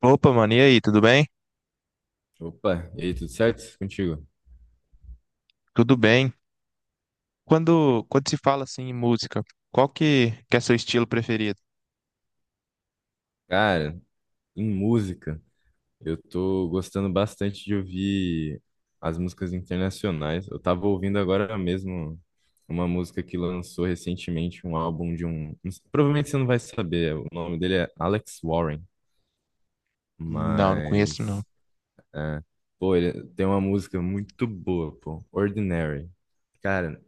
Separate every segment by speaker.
Speaker 1: Opa, mano, e aí, tudo bem?
Speaker 2: Opa, e aí, tudo certo contigo?
Speaker 1: Tudo bem. Quando se fala assim em música, qual que é seu estilo preferido?
Speaker 2: Cara, em música, eu tô gostando bastante de ouvir as músicas internacionais. Eu tava ouvindo agora mesmo uma música que lançou recentemente, um álbum de um. Provavelmente você não vai saber, o nome dele é Alex Warren,
Speaker 1: Não, não conheço não.
Speaker 2: mas. É, pô, ele tem uma música muito boa, pô, Ordinary. Cara,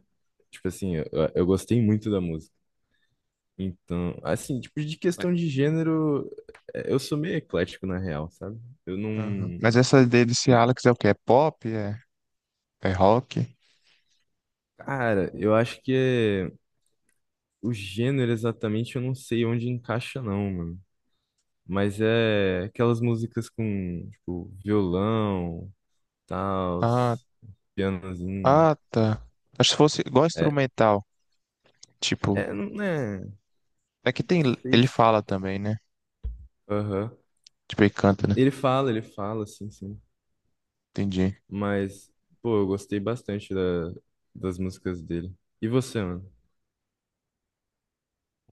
Speaker 2: tipo assim, eu gostei muito da música. Então, assim, tipo, de
Speaker 1: É.
Speaker 2: questão de gênero, é, eu sou meio eclético na real, sabe? Eu
Speaker 1: Aham.
Speaker 2: não.
Speaker 1: Mas essa dele desse Alex é o quê? É pop? É, é rock?
Speaker 2: Cara, eu acho que é- o gênero exatamente eu não sei onde encaixa, não, mano. Mas é aquelas músicas com, tipo, violão, tal,
Speaker 1: Ah,
Speaker 2: pianozinho.
Speaker 1: ah, tá. Acho que fosse igual
Speaker 2: É,
Speaker 1: instrumental, tipo,
Speaker 2: é, não é.
Speaker 1: é que tem,
Speaker 2: Sei
Speaker 1: ele
Speaker 2: se.
Speaker 1: fala também, né?
Speaker 2: Aham.
Speaker 1: Tipo, ele canta, né?
Speaker 2: Ele fala, sim, sim.
Speaker 1: Entendi.
Speaker 2: Mas, pô, eu gostei bastante da, das músicas dele. E você, mano?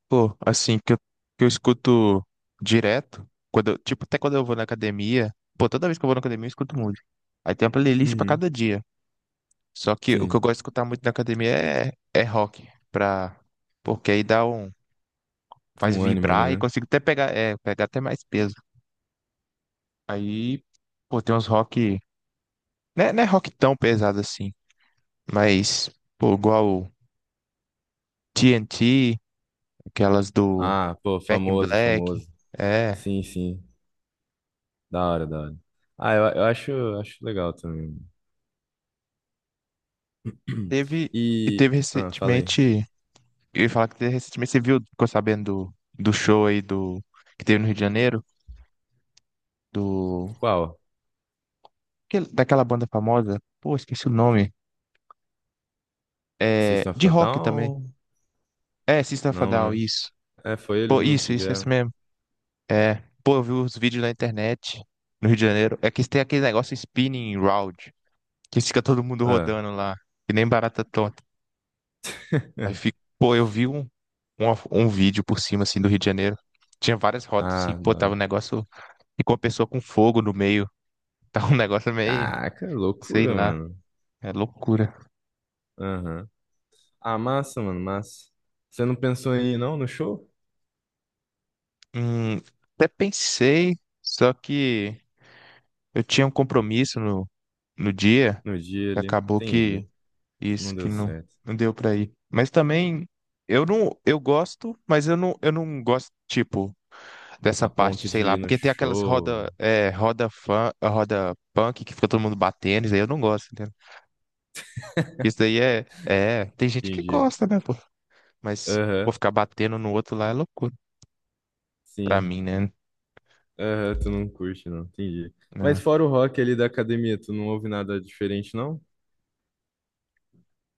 Speaker 1: Pô, assim, que eu escuto direto, quando eu- tipo, até quando eu vou na academia, pô, toda vez que eu vou na academia eu escuto música. Aí tem uma playlist pra
Speaker 2: Uhum.
Speaker 1: cada dia. Só que o que eu
Speaker 2: Sim,
Speaker 1: gosto de escutar muito na academia é rock, pra, porque aí dá um, faz
Speaker 2: um ânimo ali,
Speaker 1: vibrar e
Speaker 2: né?
Speaker 1: consigo até pegar, é, pegar até mais peso. Aí, pô, tem uns rock, né, não é rock tão pesado assim, mas, pô, igual o TNT, aquelas do
Speaker 2: Ah, pô,
Speaker 1: Back in
Speaker 2: famoso,
Speaker 1: Black,
Speaker 2: famoso.
Speaker 1: é,
Speaker 2: Sim, sim. Da hora, da hora. Ah, acho legal também.
Speaker 1: teve, e
Speaker 2: E,
Speaker 1: teve
Speaker 2: ah, falei.
Speaker 1: recentemente, eu ia falar que teve recentemente, você viu, ficou sabendo do show aí do, que teve no Rio de Janeiro, do,
Speaker 2: Qual?
Speaker 1: aquele- daquela banda famosa, pô, esqueci o nome. É,
Speaker 2: System of
Speaker 1: de
Speaker 2: a
Speaker 1: rock também.
Speaker 2: Down?
Speaker 1: É, System of a
Speaker 2: Não,
Speaker 1: Down,
Speaker 2: né?
Speaker 1: isso.
Speaker 2: É, foi eles
Speaker 1: Pô,
Speaker 2: mesmo que
Speaker 1: isso
Speaker 2: vieram.
Speaker 1: mesmo. É. Pô, eu vi os vídeos na internet, no Rio de Janeiro. É que tem aquele negócio spinning round, que fica todo mundo
Speaker 2: Ah,
Speaker 1: rodando lá, que nem barata tonta. Aí fica, pô, eu vi um, um vídeo por cima, assim, do Rio de Janeiro. Tinha várias rodas, assim,
Speaker 2: ah, da
Speaker 1: pô, tava
Speaker 2: hora.
Speaker 1: um negócio, e com a pessoa com fogo no meio. Tava um negócio meio,
Speaker 2: Caraca,
Speaker 1: sei
Speaker 2: loucura,
Speaker 1: lá,
Speaker 2: mano.
Speaker 1: é loucura.
Speaker 2: Aham. Ah, massa, mano, massa. Você não pensou em ir, não, no show?
Speaker 1: Hum, até pensei, só que eu tinha um compromisso no dia.
Speaker 2: No dia
Speaker 1: E
Speaker 2: ali.
Speaker 1: acabou que
Speaker 2: Entendi. Não
Speaker 1: isso que
Speaker 2: deu
Speaker 1: não,
Speaker 2: certo.
Speaker 1: não deu pra ir. Mas também eu gosto, mas eu não gosto tipo
Speaker 2: A
Speaker 1: dessa parte,
Speaker 2: ponto
Speaker 1: sei
Speaker 2: de
Speaker 1: lá,
Speaker 2: ir no
Speaker 1: porque tem aquelas
Speaker 2: show.
Speaker 1: roda é, roda fã, roda punk que fica todo mundo batendo, isso aí eu não gosto, entendeu? Isso daí é, tem gente que
Speaker 2: Entendi.
Speaker 1: gosta, né, pô? Mas vou
Speaker 2: Aham.
Speaker 1: ficar batendo no outro lá é loucura pra
Speaker 2: Sim.
Speaker 1: mim, né?
Speaker 2: Aham, tu não curte, não. Entendi. Mas
Speaker 1: Né?
Speaker 2: fora o rock ali da academia, tu não ouve nada diferente, não?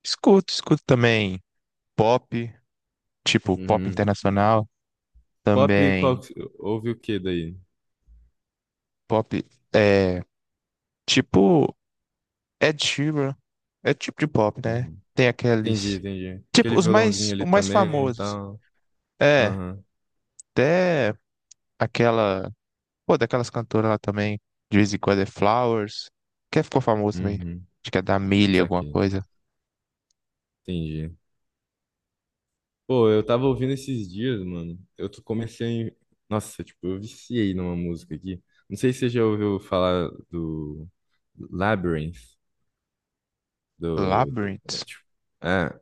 Speaker 1: Escuto, escuto também pop, tipo pop
Speaker 2: Uhum.
Speaker 1: internacional,
Speaker 2: Pop, qual,
Speaker 1: também
Speaker 2: que- ouve o que daí?
Speaker 1: pop é, tipo Ed Sheeran é tipo de pop, né?
Speaker 2: Uhum.
Speaker 1: Tem
Speaker 2: Entendi,
Speaker 1: aqueles.
Speaker 2: entendi.
Speaker 1: Tipo,
Speaker 2: Aquele
Speaker 1: os mais,
Speaker 2: violãozinho ali
Speaker 1: os mais
Speaker 2: também e
Speaker 1: famosos.
Speaker 2: tal.
Speaker 1: É,
Speaker 2: Aham.
Speaker 1: até aquela. Pô, daquelas cantoras lá também. De vez em quando é Flowers. Quem ficou famoso também?
Speaker 2: Uhum.
Speaker 1: Acho que é da Millie, alguma
Speaker 2: Saquei.
Speaker 1: coisa.
Speaker 2: Entendi. Pô, eu tava ouvindo esses dias, mano. Eu tô- comecei. Nossa, tipo, eu viciei numa música aqui. Não sei se você já ouviu falar do Labyrinth. É,
Speaker 1: Labyrinth?
Speaker 2: tipo, é,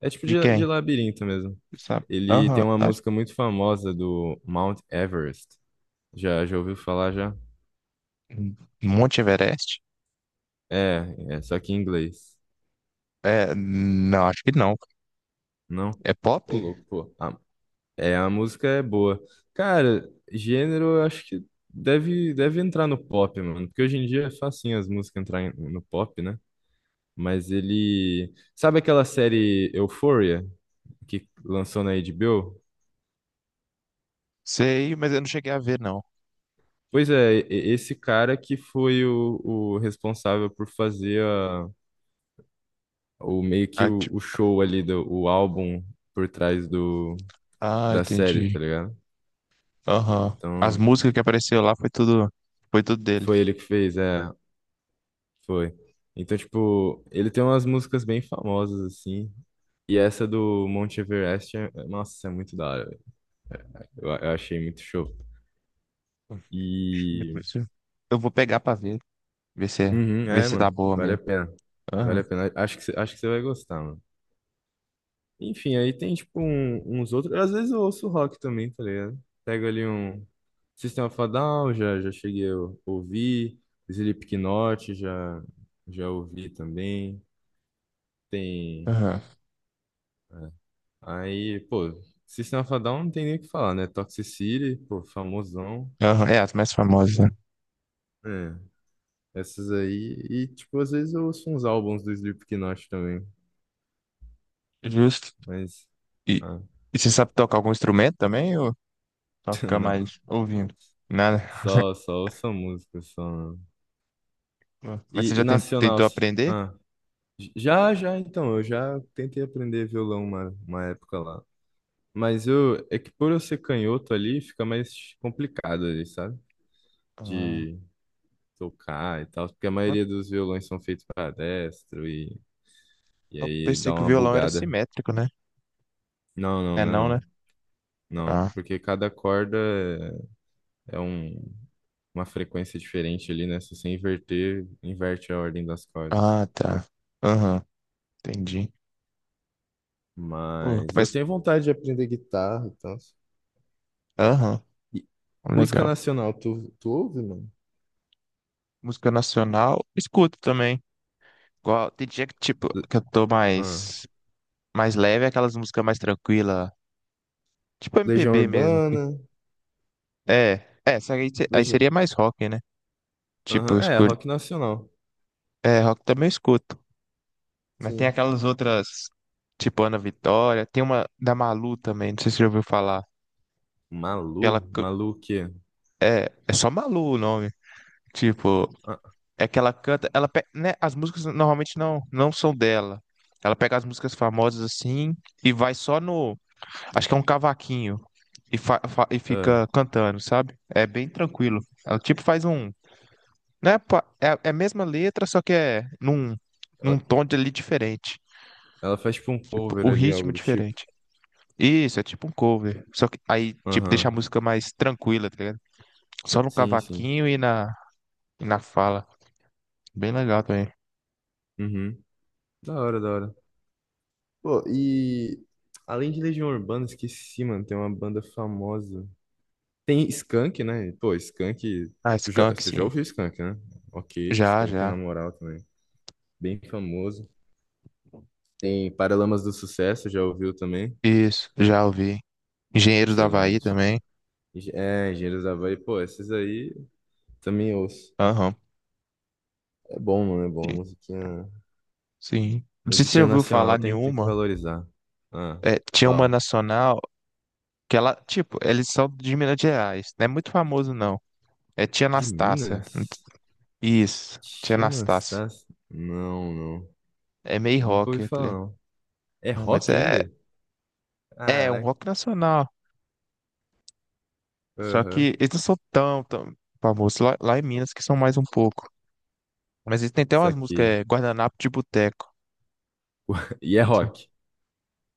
Speaker 2: É tipo
Speaker 1: De
Speaker 2: de
Speaker 1: quem?
Speaker 2: labirinto mesmo.
Speaker 1: Sabe?
Speaker 2: Ele
Speaker 1: Aham.
Speaker 2: tem uma
Speaker 1: Acho-
Speaker 2: música muito famosa do Mount Everest. Já ouviu falar já?
Speaker 1: Monte Everest?
Speaker 2: É, é só que em inglês.
Speaker 1: É, não, acho que não.
Speaker 2: Não?
Speaker 1: É pop?
Speaker 2: Ô, louco, pô. A música é boa. Cara, gênero eu acho que deve entrar no pop, mano. Porque hoje em dia é facinho as músicas entrarem no pop, né? Mas ele. Sabe aquela série Euphoria que lançou na HBO?
Speaker 1: Sei, mas eu não cheguei a ver, não.
Speaker 2: Pois é, e- esse cara que foi o responsável por fazer a, o meio que
Speaker 1: Ah,
Speaker 2: o,
Speaker 1: tipo-
Speaker 2: o show ali do o álbum por trás do
Speaker 1: ah,
Speaker 2: da série,
Speaker 1: entendi.
Speaker 2: tá ligado?
Speaker 1: Aham. As
Speaker 2: Então,
Speaker 1: músicas que apareceu lá foi tudo dele.
Speaker 2: foi ele que fez, foi. Então, tipo, ele tem umas músicas bem famosas assim, e essa do Monte Everest, nossa, é muito da hora, velho. Eu achei muito show. E
Speaker 1: Depois eu vou pegar pra ver, ver se, é-
Speaker 2: uhum,
Speaker 1: ver
Speaker 2: é,
Speaker 1: se tá
Speaker 2: mano,
Speaker 1: boa
Speaker 2: vale a
Speaker 1: mesmo.
Speaker 2: pena. Vale
Speaker 1: Aham,
Speaker 2: a pena. Acho que você vai gostar, mano. Enfim, aí tem tipo um- uns outros. Às vezes eu ouço rock também, tá ligado? Pego ali um System of a Down, já cheguei a ouvir. Slipknot, já ouvi também. Tem.
Speaker 1: aham,
Speaker 2: É. Aí, pô, System of a Down não tem nem o que falar, né? Toxic City, pô, famosão.
Speaker 1: aham. É, as mais famosas, né?
Speaker 2: É, essas aí. E, tipo, às vezes eu ouço uns álbuns do Slipknot também.
Speaker 1: Justo.
Speaker 2: Mas.
Speaker 1: E,
Speaker 2: Ah,
Speaker 1: e você sabe tocar algum instrumento também ou só ficar
Speaker 2: não.
Speaker 1: mais ouvindo? Nada.
Speaker 2: Só ouço a música, só.
Speaker 1: Mas você
Speaker 2: E
Speaker 1: já ten-
Speaker 2: nacional.
Speaker 1: tentou aprender?
Speaker 2: Ah. Já, então, eu já tentei aprender violão uma época lá. Mas eu, é que por eu ser canhoto ali, fica mais complicado ali, sabe? De tocar e tal, porque a
Speaker 1: Ah.
Speaker 2: maioria dos violões são feitos para destro e
Speaker 1: Eu
Speaker 2: aí
Speaker 1: pensei
Speaker 2: dá
Speaker 1: que o
Speaker 2: uma
Speaker 1: violão era
Speaker 2: bugada.
Speaker 1: simétrico, né?
Speaker 2: Não, não,
Speaker 1: É
Speaker 2: não, é
Speaker 1: não, né?
Speaker 2: não. Não,
Speaker 1: Ah,
Speaker 2: porque cada corda é um, uma frequência diferente ali, né? Se você inverter, inverte a ordem das cordas.
Speaker 1: ah, tá. Aham, entendi. Pô,
Speaker 2: Mas eu
Speaker 1: mas,
Speaker 2: tenho vontade de aprender guitarra e tal.
Speaker 1: aham,
Speaker 2: E música
Speaker 1: legal.
Speaker 2: nacional, tu ouve, mano?
Speaker 1: Música nacional, escuto também. Igual, tem dia que, tipo,
Speaker 2: Le-
Speaker 1: que eu tô
Speaker 2: Ah.
Speaker 1: mais, mais leve, é aquelas músicas mais tranquilas, tipo
Speaker 2: Legião
Speaker 1: MPB mesmo.
Speaker 2: Urbana,
Speaker 1: É, é, só que aí, se- aí
Speaker 2: Legião...
Speaker 1: seria mais rock, né? Tipo,
Speaker 2: Aham,
Speaker 1: eu escolho,
Speaker 2: Rock nacional.
Speaker 1: é, rock também eu escuto. Mas tem
Speaker 2: Sim.
Speaker 1: aquelas outras, tipo Ana Vitória, tem uma da Malu também, não sei se você já ouviu falar. Que
Speaker 2: Malu?
Speaker 1: ela, c-
Speaker 2: Malu o quê?
Speaker 1: é, é só Malu o nome. Tipo,
Speaker 2: Ah,
Speaker 1: é que ela canta, ela pe- né, as músicas normalmente não são dela. Ela pega as músicas famosas assim e vai só no, acho que é um cavaquinho e, fa- fa- e
Speaker 2: é.
Speaker 1: fica cantando, sabe? É bem tranquilo. Ela tipo faz um, né, pa- é, é a mesma letra, só que é num
Speaker 2: Ela,
Speaker 1: num tom de ali diferente,
Speaker 2: ela faz tipo um
Speaker 1: tipo,
Speaker 2: cover
Speaker 1: o
Speaker 2: ali,
Speaker 1: ritmo é
Speaker 2: algo do tipo.
Speaker 1: diferente. Isso, é tipo um cover. Só que aí tipo deixa a
Speaker 2: Aham,
Speaker 1: música mais tranquila, tá ligado? Só no
Speaker 2: sim, sim.
Speaker 1: cavaquinho e na fala. Bem legal também.
Speaker 2: Uhum. Da hora, da hora. Pô, e além de Legião Urbana, esqueci, mano, tem uma banda famosa. Tem Skank, né? Pô, Skank,
Speaker 1: Ah,
Speaker 2: tu já,
Speaker 1: Skank,
Speaker 2: tu já
Speaker 1: sim.
Speaker 2: ouviu Skank, né? Ok,
Speaker 1: Já,
Speaker 2: Skank é na
Speaker 1: já.
Speaker 2: moral também. Bem famoso. Tem Paralamas do Sucesso, já ouviu também?
Speaker 1: Isso, já ouvi. Engenheiros do Havaí
Speaker 2: Excelente.
Speaker 1: também.
Speaker 2: Enge- É, Engenheiros da Havaí, pô, esses aí também ouço.
Speaker 1: Aham.
Speaker 2: É bom, mano, é bom. Musiquinha,
Speaker 1: Sim. Não sei se você já
Speaker 2: musiquinha
Speaker 1: ouviu
Speaker 2: nacional
Speaker 1: falar
Speaker 2: tem que
Speaker 1: nenhuma.
Speaker 2: valorizar. Ah,
Speaker 1: É, tinha uma
Speaker 2: qual?
Speaker 1: nacional que ela, tipo, eles são de Minas Gerais. Não é muito famoso, não. É Tia
Speaker 2: De
Speaker 1: Anastácia.
Speaker 2: Minas?
Speaker 1: Isso, Tia
Speaker 2: Tia
Speaker 1: Anastácia.
Speaker 2: Anastácia? Não, não.
Speaker 1: É meio
Speaker 2: Nunca ouvi
Speaker 1: rock, tá
Speaker 2: falar,
Speaker 1: ligado?
Speaker 2: não. É
Speaker 1: Não, mas
Speaker 2: rock
Speaker 1: é,
Speaker 2: ainda?
Speaker 1: é um
Speaker 2: Caraca.
Speaker 1: rock nacional. Só
Speaker 2: Aham.
Speaker 1: que eles não são tão famosos lá em Minas, que são mais um pouco. Mas eles têm até
Speaker 2: Isso
Speaker 1: umas músicas,
Speaker 2: aqui.
Speaker 1: é, Guardanapo de Boteco.
Speaker 2: E é rock.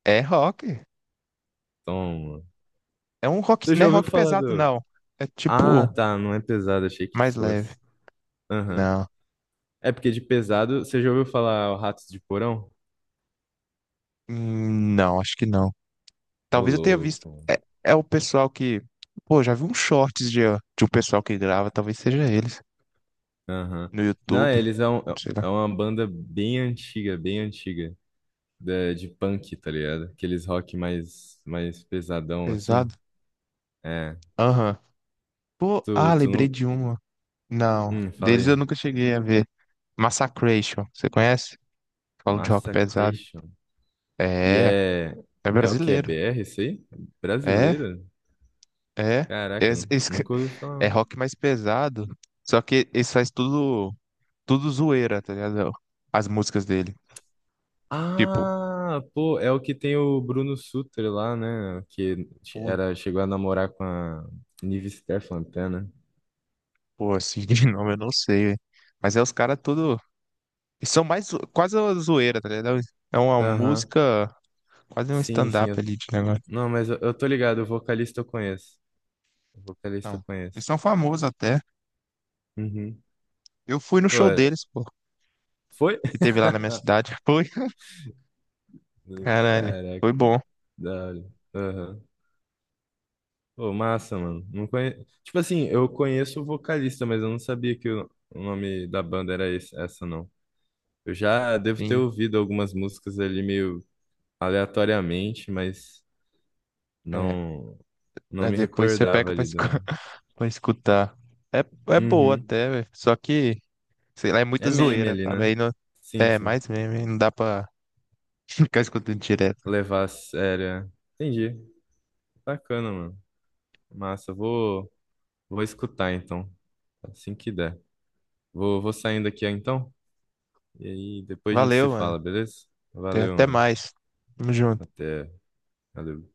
Speaker 1: É rock.
Speaker 2: Toma.
Speaker 1: É um rock,
Speaker 2: Tu
Speaker 1: não
Speaker 2: já
Speaker 1: é
Speaker 2: ouviu
Speaker 1: rock
Speaker 2: falar
Speaker 1: pesado,
Speaker 2: do...
Speaker 1: não. É
Speaker 2: Ah,
Speaker 1: tipo,
Speaker 2: tá, não é pesado, achei que
Speaker 1: mais leve.
Speaker 2: fosse. Aham.
Speaker 1: Não.
Speaker 2: É porque de pesado, você já ouviu falar o Ratos de Porão?
Speaker 1: Não, acho que não.
Speaker 2: Ô,
Speaker 1: Talvez eu tenha visto.
Speaker 2: louco.
Speaker 1: É, é o pessoal que. Pô, já vi uns shorts de um pessoal que grava, talvez seja eles.
Speaker 2: Aham.
Speaker 1: No
Speaker 2: Não,
Speaker 1: YouTube.
Speaker 2: eles é, um-
Speaker 1: Sei lá.
Speaker 2: é uma banda bem antiga, da- de, punk, tá ligado? Aqueles rock mais pesadão, assim.
Speaker 1: Pesado.
Speaker 2: É.
Speaker 1: Aham. Pô,
Speaker 2: Tu,
Speaker 1: ah,
Speaker 2: tu não...
Speaker 1: lembrei de uma. Não.
Speaker 2: Fala
Speaker 1: Deles eu
Speaker 2: aí.
Speaker 1: nunca cheguei a ver. Massacration. Você conhece? Falo de rock pesado.
Speaker 2: Massacration. E
Speaker 1: É,
Speaker 2: é...
Speaker 1: é
Speaker 2: É o que? É
Speaker 1: brasileiro.
Speaker 2: BR isso aí?
Speaker 1: É.
Speaker 2: Brasileira?
Speaker 1: É, é,
Speaker 2: Caraca, nu-
Speaker 1: es-
Speaker 2: nunca ouvi
Speaker 1: é
Speaker 2: falar.
Speaker 1: rock mais pesado, só que eles faz tudo, tudo zoeira, tá ligado? As músicas dele. Tipo,
Speaker 2: Ah, pô, é o que tem o Bruno Sutter lá, né? Que
Speaker 1: pô,
Speaker 2: era, chegou a namorar com a Nive Stefan né?
Speaker 1: pô, assim, de nome eu não sei, velho. Mas é os caras tudo. Eles são mais zo- quase uma zoeira, tá ligado? É uma
Speaker 2: Aham.
Speaker 1: música, quase um
Speaker 2: Sim, sim.
Speaker 1: stand-up
Speaker 2: Eu-
Speaker 1: ali de negócio.
Speaker 2: Não, mas eu tô ligado, o vocalista eu conheço. O vocalista eu
Speaker 1: Então, eles
Speaker 2: conheço.
Speaker 1: são famosos até.
Speaker 2: Uhum.
Speaker 1: Eu fui no
Speaker 2: Pô,
Speaker 1: show deles, pô,
Speaker 2: foi?
Speaker 1: que teve lá na minha cidade. Foi, caralho, foi
Speaker 2: Caraca,
Speaker 1: bom.
Speaker 2: da hora. Aham. Pô, massa, mano. Não conhe... Tipo assim, eu conheço o vocalista, mas eu não sabia que o nome da banda era esse, essa, não. Eu já devo ter
Speaker 1: Sim.
Speaker 2: ouvido algumas músicas ali meio, aleatoriamente, mas
Speaker 1: É.
Speaker 2: não não
Speaker 1: Aí
Speaker 2: me
Speaker 1: depois você
Speaker 2: recordava
Speaker 1: pega pra,
Speaker 2: ali
Speaker 1: escu-
Speaker 2: do.
Speaker 1: pra escutar. É, é boa
Speaker 2: Uhum.
Speaker 1: até, velho. Só que, sei lá, é
Speaker 2: É
Speaker 1: muita
Speaker 2: meme
Speaker 1: zoeira,
Speaker 2: ali,
Speaker 1: sabe?
Speaker 2: né?
Speaker 1: Aí não,
Speaker 2: Sim,
Speaker 1: é
Speaker 2: sim.
Speaker 1: mais meme, aí não dá pra ficar escutando direto.
Speaker 2: Levar a sério. É. Entendi. Bacana, mano. Massa. Vou escutar então, assim que der. Vou saindo aqui então. E aí depois a gente se
Speaker 1: Valeu, mano.
Speaker 2: fala, beleza?
Speaker 1: Até
Speaker 2: Valeu,
Speaker 1: até
Speaker 2: mano.
Speaker 1: mais. Tamo junto.
Speaker 2: Até. Valeu.